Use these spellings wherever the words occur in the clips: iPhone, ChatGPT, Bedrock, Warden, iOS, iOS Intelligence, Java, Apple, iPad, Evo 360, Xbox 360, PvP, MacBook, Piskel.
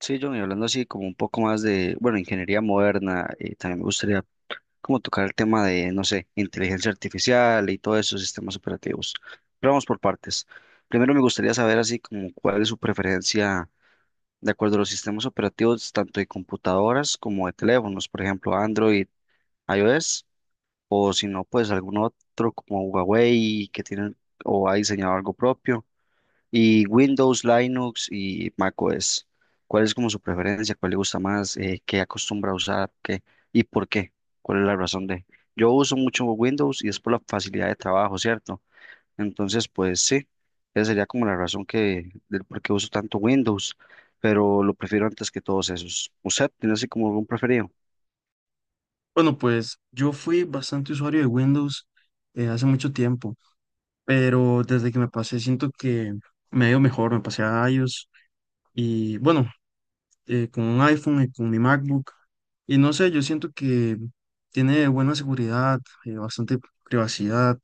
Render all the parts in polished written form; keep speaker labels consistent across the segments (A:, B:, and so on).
A: Sí, John, y hablando así como un poco más de, bueno, ingeniería moderna, también me gustaría como tocar el tema de, no sé, inteligencia artificial y todos esos sistemas operativos. Pero vamos por partes. Primero me gustaría saber así como cuál es su preferencia de acuerdo a los sistemas operativos, tanto de computadoras como de teléfonos, por ejemplo, Android, iOS, o si no, pues algún otro como Huawei que tienen o ha diseñado algo propio. Y Windows, Linux y macOS. ¿Cuál es como su preferencia? ¿Cuál le gusta más? ¿Qué acostumbra a usar? ¿Qué? ¿Y por qué? ¿Cuál es la razón de? Yo uso mucho Windows y es por la facilidad de trabajo, ¿cierto? Entonces, pues sí, esa sería como la razón que, del por qué uso tanto Windows, pero lo prefiero antes que todos esos. ¿Usted tiene así como algún preferido?
B: Bueno, pues yo fui bastante usuario de Windows hace mucho tiempo, pero desde que me pasé siento que me ha ido mejor. Me pasé a iOS y bueno, con un iPhone y con mi MacBook, y no sé, yo siento que tiene buena seguridad, bastante privacidad,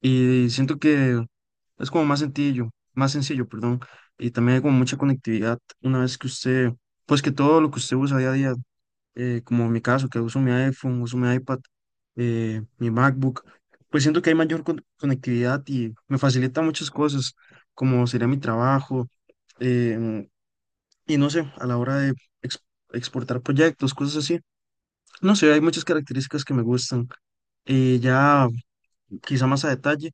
B: y siento que es como más sencillo, perdón, y también hay como mucha conectividad una vez que usted, pues que todo lo que usted usa día a día, como en mi caso, que uso mi iPhone, uso mi iPad, mi MacBook, pues siento que hay mayor conectividad y me facilita muchas cosas, como sería mi trabajo, em, y no sé, a la hora de ex- exportar proyectos, cosas así. No sé, hay muchas características que me gustan. Ya quizá más a detalle,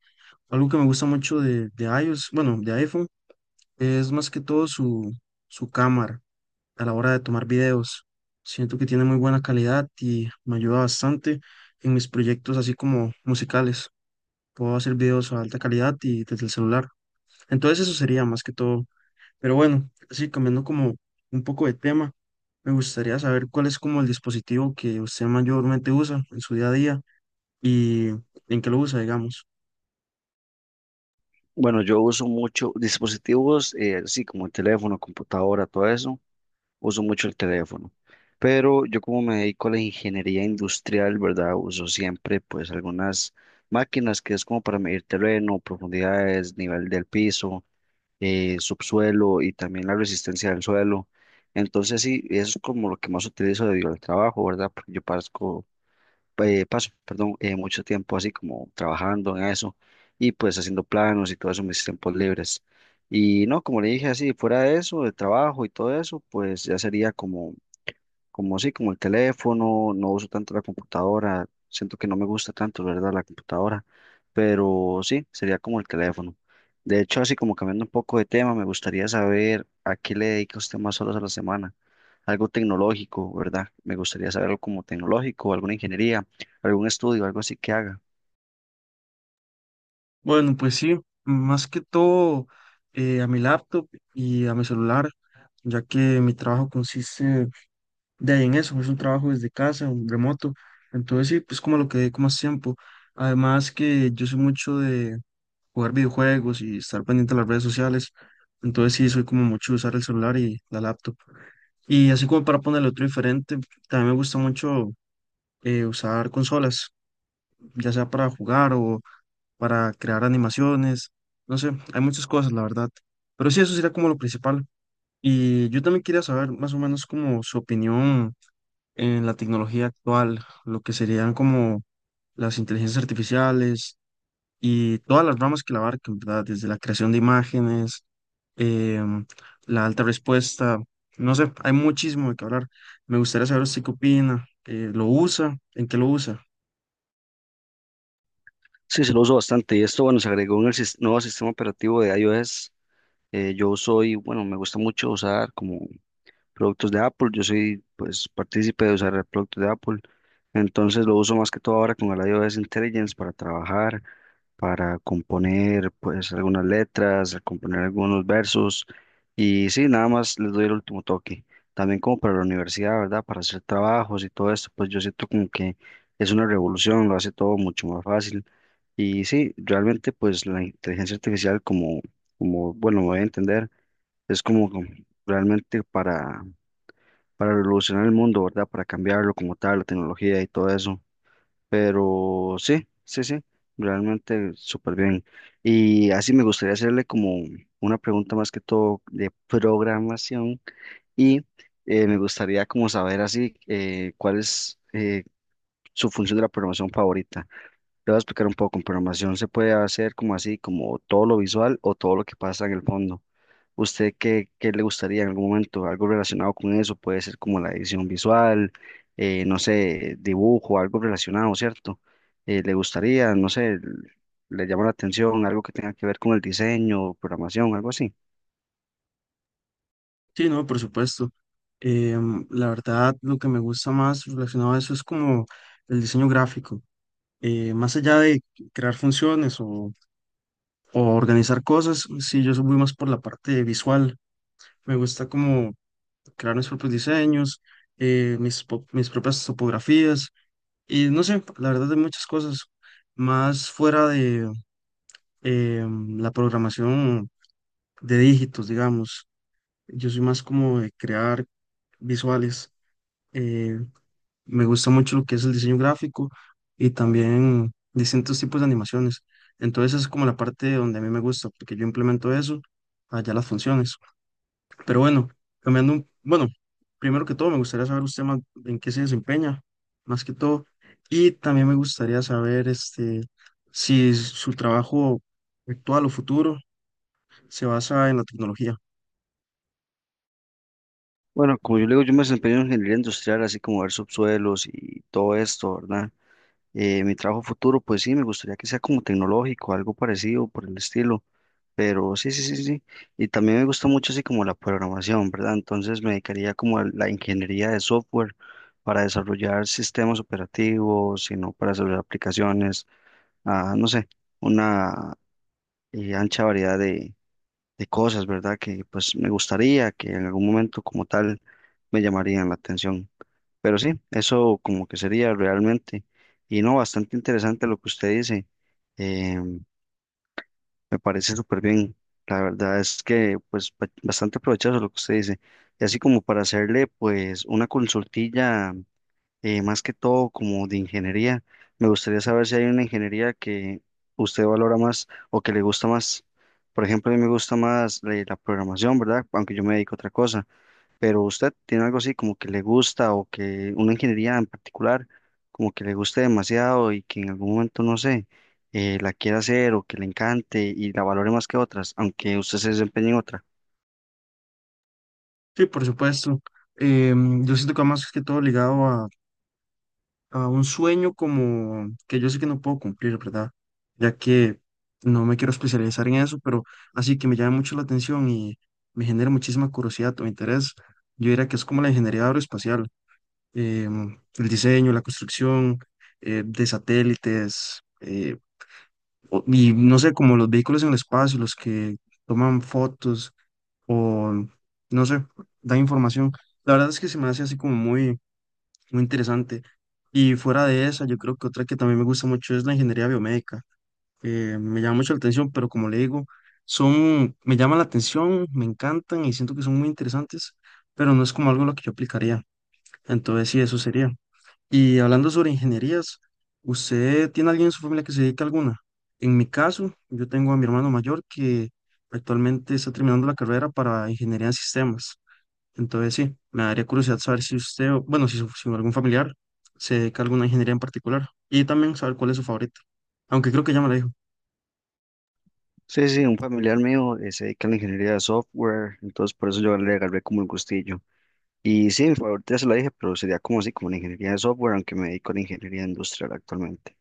B: algo que me gusta mucho de iOS, bueno, de iPhone, es más que todo su cámara, a la hora de tomar videos. Siento que tiene muy buena calidad y me ayuda bastante en mis proyectos así como musicales. Puedo hacer videos a alta calidad y desde el celular. Entonces eso sería más que todo. Pero bueno, así cambiando como un poco de tema, me gustaría saber cuál es como el dispositivo que usted mayormente usa en su día a día, y en qué lo usa, digamos.
A: Bueno, yo uso mucho dispositivos, así como el teléfono, computadora, todo eso. Uso mucho el teléfono, pero yo como me dedico a la ingeniería industrial, ¿verdad? Uso siempre pues algunas máquinas que es como para medir terreno, profundidades, nivel del piso, subsuelo y también la resistencia del suelo. Entonces sí, eso es como lo que más utilizo debido al trabajo, ¿verdad? Porque yo parezco paso, perdón, mucho tiempo así como trabajando en eso y pues haciendo planos y todo eso en mis tiempos libres. Y no, como le dije así, fuera de eso, de trabajo y todo eso, pues ya sería como sí, como el teléfono, no uso tanto la computadora, siento que no me gusta tanto, ¿verdad? La computadora, pero sí, sería como el teléfono. De hecho, así como cambiando un poco de tema, me gustaría saber a qué le dedica usted más horas a la semana. Algo tecnológico, ¿verdad? Me gustaría saber algo como tecnológico, alguna ingeniería, algún estudio, algo así que haga.
B: Bueno, pues sí, más que todo a mi laptop y a mi celular, ya que mi trabajo consiste de ahí en eso, es un trabajo desde casa, un remoto. Entonces sí, pues como lo que dedico más tiempo. Además que yo soy mucho de jugar videojuegos y estar pendiente de las redes sociales. Entonces sí, soy como mucho de usar el celular y la laptop. Y así como para ponerle otro diferente, también me gusta mucho usar consolas, ya sea para jugar o para crear animaciones, no sé, hay muchas cosas, la verdad. Pero sí, eso sería como lo principal. Y yo también quería saber más o menos como su opinión en la tecnología actual, lo que serían como las inteligencias artificiales y todas las ramas que la abarcan, ¿verdad? Desde la creación de imágenes, em, la alta respuesta, no sé, hay muchísimo de qué hablar. Me gustaría saber usted qué opina. Eh, ¿lo usa? ¿En qué lo usa?
A: Sí, se lo uso bastante y esto, bueno, se agregó en el nuevo sistema operativo de iOS. Yo soy, bueno, me gusta mucho usar como productos de Apple. Yo soy, pues, partícipe de usar productos de Apple. Entonces lo uso más que todo ahora con el iOS Intelligence para trabajar, para componer, pues, algunas letras, componer algunos versos. Y sí, nada más les doy el último toque. También como para la universidad, ¿verdad? Para hacer trabajos y todo esto, pues yo siento como que es una revolución, lo hace todo mucho más fácil. Y sí, realmente pues la inteligencia artificial como, como bueno, me voy a entender, es como realmente para revolucionar el mundo, ¿verdad? Para cambiarlo como tal, la tecnología y todo eso. Pero sí, sí, sí, realmente súper bien. Y así me gustaría hacerle como una pregunta más que todo de programación y me gustaría como saber así cuál es su función de la programación favorita. Le voy a explicar un poco, en programación se puede hacer como así, como todo lo visual o todo lo que pasa en el fondo. ¿Usted qué, qué le gustaría en algún momento? Algo relacionado con eso, puede ser como la edición visual, no sé, dibujo, algo relacionado, ¿cierto? ¿Le gustaría, no sé, le llama la atención algo que tenga que ver con el diseño, programación, algo así?
B: Sí, no, por supuesto. La verdad, lo que me gusta más relacionado a eso es como el diseño gráfico. Más allá de crear funciones o organizar cosas, sí, yo soy muy más por la parte visual. Me gusta como crear mis propios diseños, mis propias topografías y no sé, la verdad de muchas cosas más fuera de eh, la programación de dígitos, digamos. Yo soy más como de crear visuales. Eh, me gusta mucho lo que es el diseño gráfico y también distintos tipos de animaciones. Entonces es como la parte donde a mí me gusta, porque yo implemento eso allá las funciones. Pero bueno, cambiando un, bueno, primero que todo me gustaría saber usted más en qué se desempeña, más que todo, y también me gustaría saber este si su trabajo actual o futuro se basa en la tecnología.
A: Bueno, como yo le digo, yo me desempeño en ingeniería industrial, así como ver subsuelos y todo esto, ¿verdad? Mi trabajo futuro, pues sí, me gustaría que sea como tecnológico, algo parecido por el estilo. Pero sí, sí, sí, sí. Y también me gusta mucho así como la programación, ¿verdad? Entonces me dedicaría como a la ingeniería de software para desarrollar sistemas operativos, sino para desarrollar aplicaciones, ah, no sé, una ancha variedad de cosas, ¿verdad? Que pues me gustaría que en algún momento como tal me llamarían la atención. Pero sí, eso como que sería realmente. Y no, bastante interesante lo que usted dice. em, me parece súper bien. La verdad es que, pues, bastante provechoso lo que usted dice. Y así como para hacerle, pues, una consultilla, más que todo como de ingeniería, me gustaría saber si hay una ingeniería que usted valora más o que le gusta más. Por ejemplo, a mí me gusta más la programación, ¿verdad? Aunque yo me dedico a otra cosa. Pero usted tiene algo así como que le gusta o que una ingeniería en particular, como que le guste demasiado y que en algún momento, no sé, la quiera hacer o que le encante y la valore más que otras, aunque usted se desempeñe en otra.
B: Sí, por supuesto. Em, yo siento que va más que todo ligado a un sueño como que yo sé que no puedo cumplir, ¿verdad? Ya que no me quiero especializar en eso, pero así que me llama mucho la atención y me genera muchísima curiosidad o interés. Yo diría que es como la ingeniería aeroespacial. El diseño, la construcción de satélites, y no sé, como los vehículos en el espacio, los que toman fotos o, no sé, dan información. La verdad es que se me hace así como muy interesante. Y fuera de esa, yo creo que otra que también me gusta mucho es la ingeniería biomédica. Me llama mucho la atención, pero como le digo, son, me llaman la atención, me encantan y siento que son muy interesantes, pero no es como algo a lo que yo aplicaría. Entonces, sí, eso sería. Y hablando sobre ingenierías, ¿usted tiene alguien en su familia que se dedique a alguna? En mi caso, yo tengo a mi hermano mayor que actualmente está terminando la carrera para ingeniería en sistemas. Entonces, sí, me daría curiosidad saber si usted, si algún familiar se dedica a alguna ingeniería en particular, y también saber cuál es su favorita, aunque creo que ya me la dijo.
A: Sí, sí, un familiar mío se dedica a la ingeniería de software, entonces por eso yo le agarré como el gustillo. Y sí, ahorita se lo dije, pero sería como así, como la ingeniería de software, aunque me dedico a la ingeniería industrial actualmente.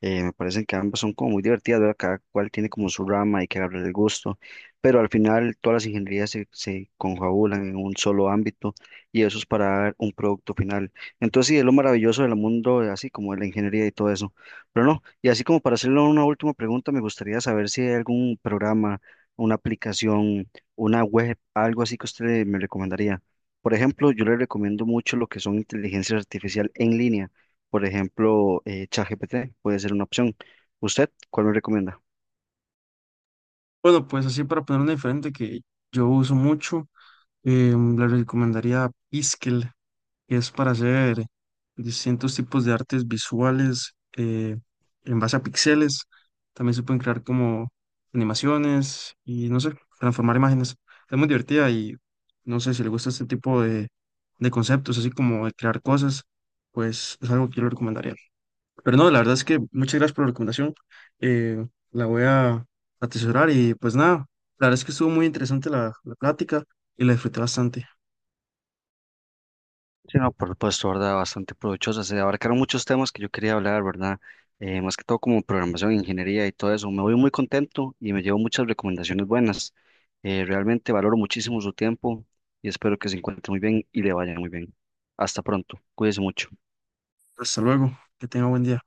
A: Me parece que ambas son como muy divertidas, ¿verdad? Cada cual tiene como su rama, hay que agarrar el gusto, pero al final todas las ingenierías se confabulan en un solo ámbito y eso es para dar un producto final. Entonces, sí, es lo maravilloso del mundo, así como de la ingeniería y todo eso. Pero no, y así como para hacerle una última pregunta, me gustaría saber si hay algún programa, una aplicación, una web, algo así que usted me recomendaría. Por ejemplo, yo le recomiendo mucho lo que son inteligencias artificial en línea. Por ejemplo, ChatGPT puede ser una opción. ¿Usted cuál me recomienda?
B: Bueno, pues así para poner una diferente que yo uso mucho, le recomendaría Piskel. Es para hacer distintos tipos de artes visuales en base a píxeles. También se pueden crear como animaciones y no sé, transformar imágenes. Es muy divertida y no sé si le gusta este tipo de conceptos, así como de crear cosas, pues es algo que yo le recomendaría. Pero no, la verdad es que muchas gracias por la recomendación. eh, la voy a atesorar y pues nada, la verdad es que estuvo muy interesante la plática y la disfruté bastante.
A: Sí, no, por supuesto, ¿verdad? Bastante provechosa. Se abarcaron muchos temas que yo quería hablar, ¿verdad? Más que todo como programación, ingeniería y todo eso. Me voy muy contento y me llevo muchas recomendaciones buenas. Realmente valoro muchísimo su tiempo y espero que se encuentre muy bien y le vaya muy bien. Hasta pronto. Cuídese mucho.
B: Hasta luego, que tenga buen día.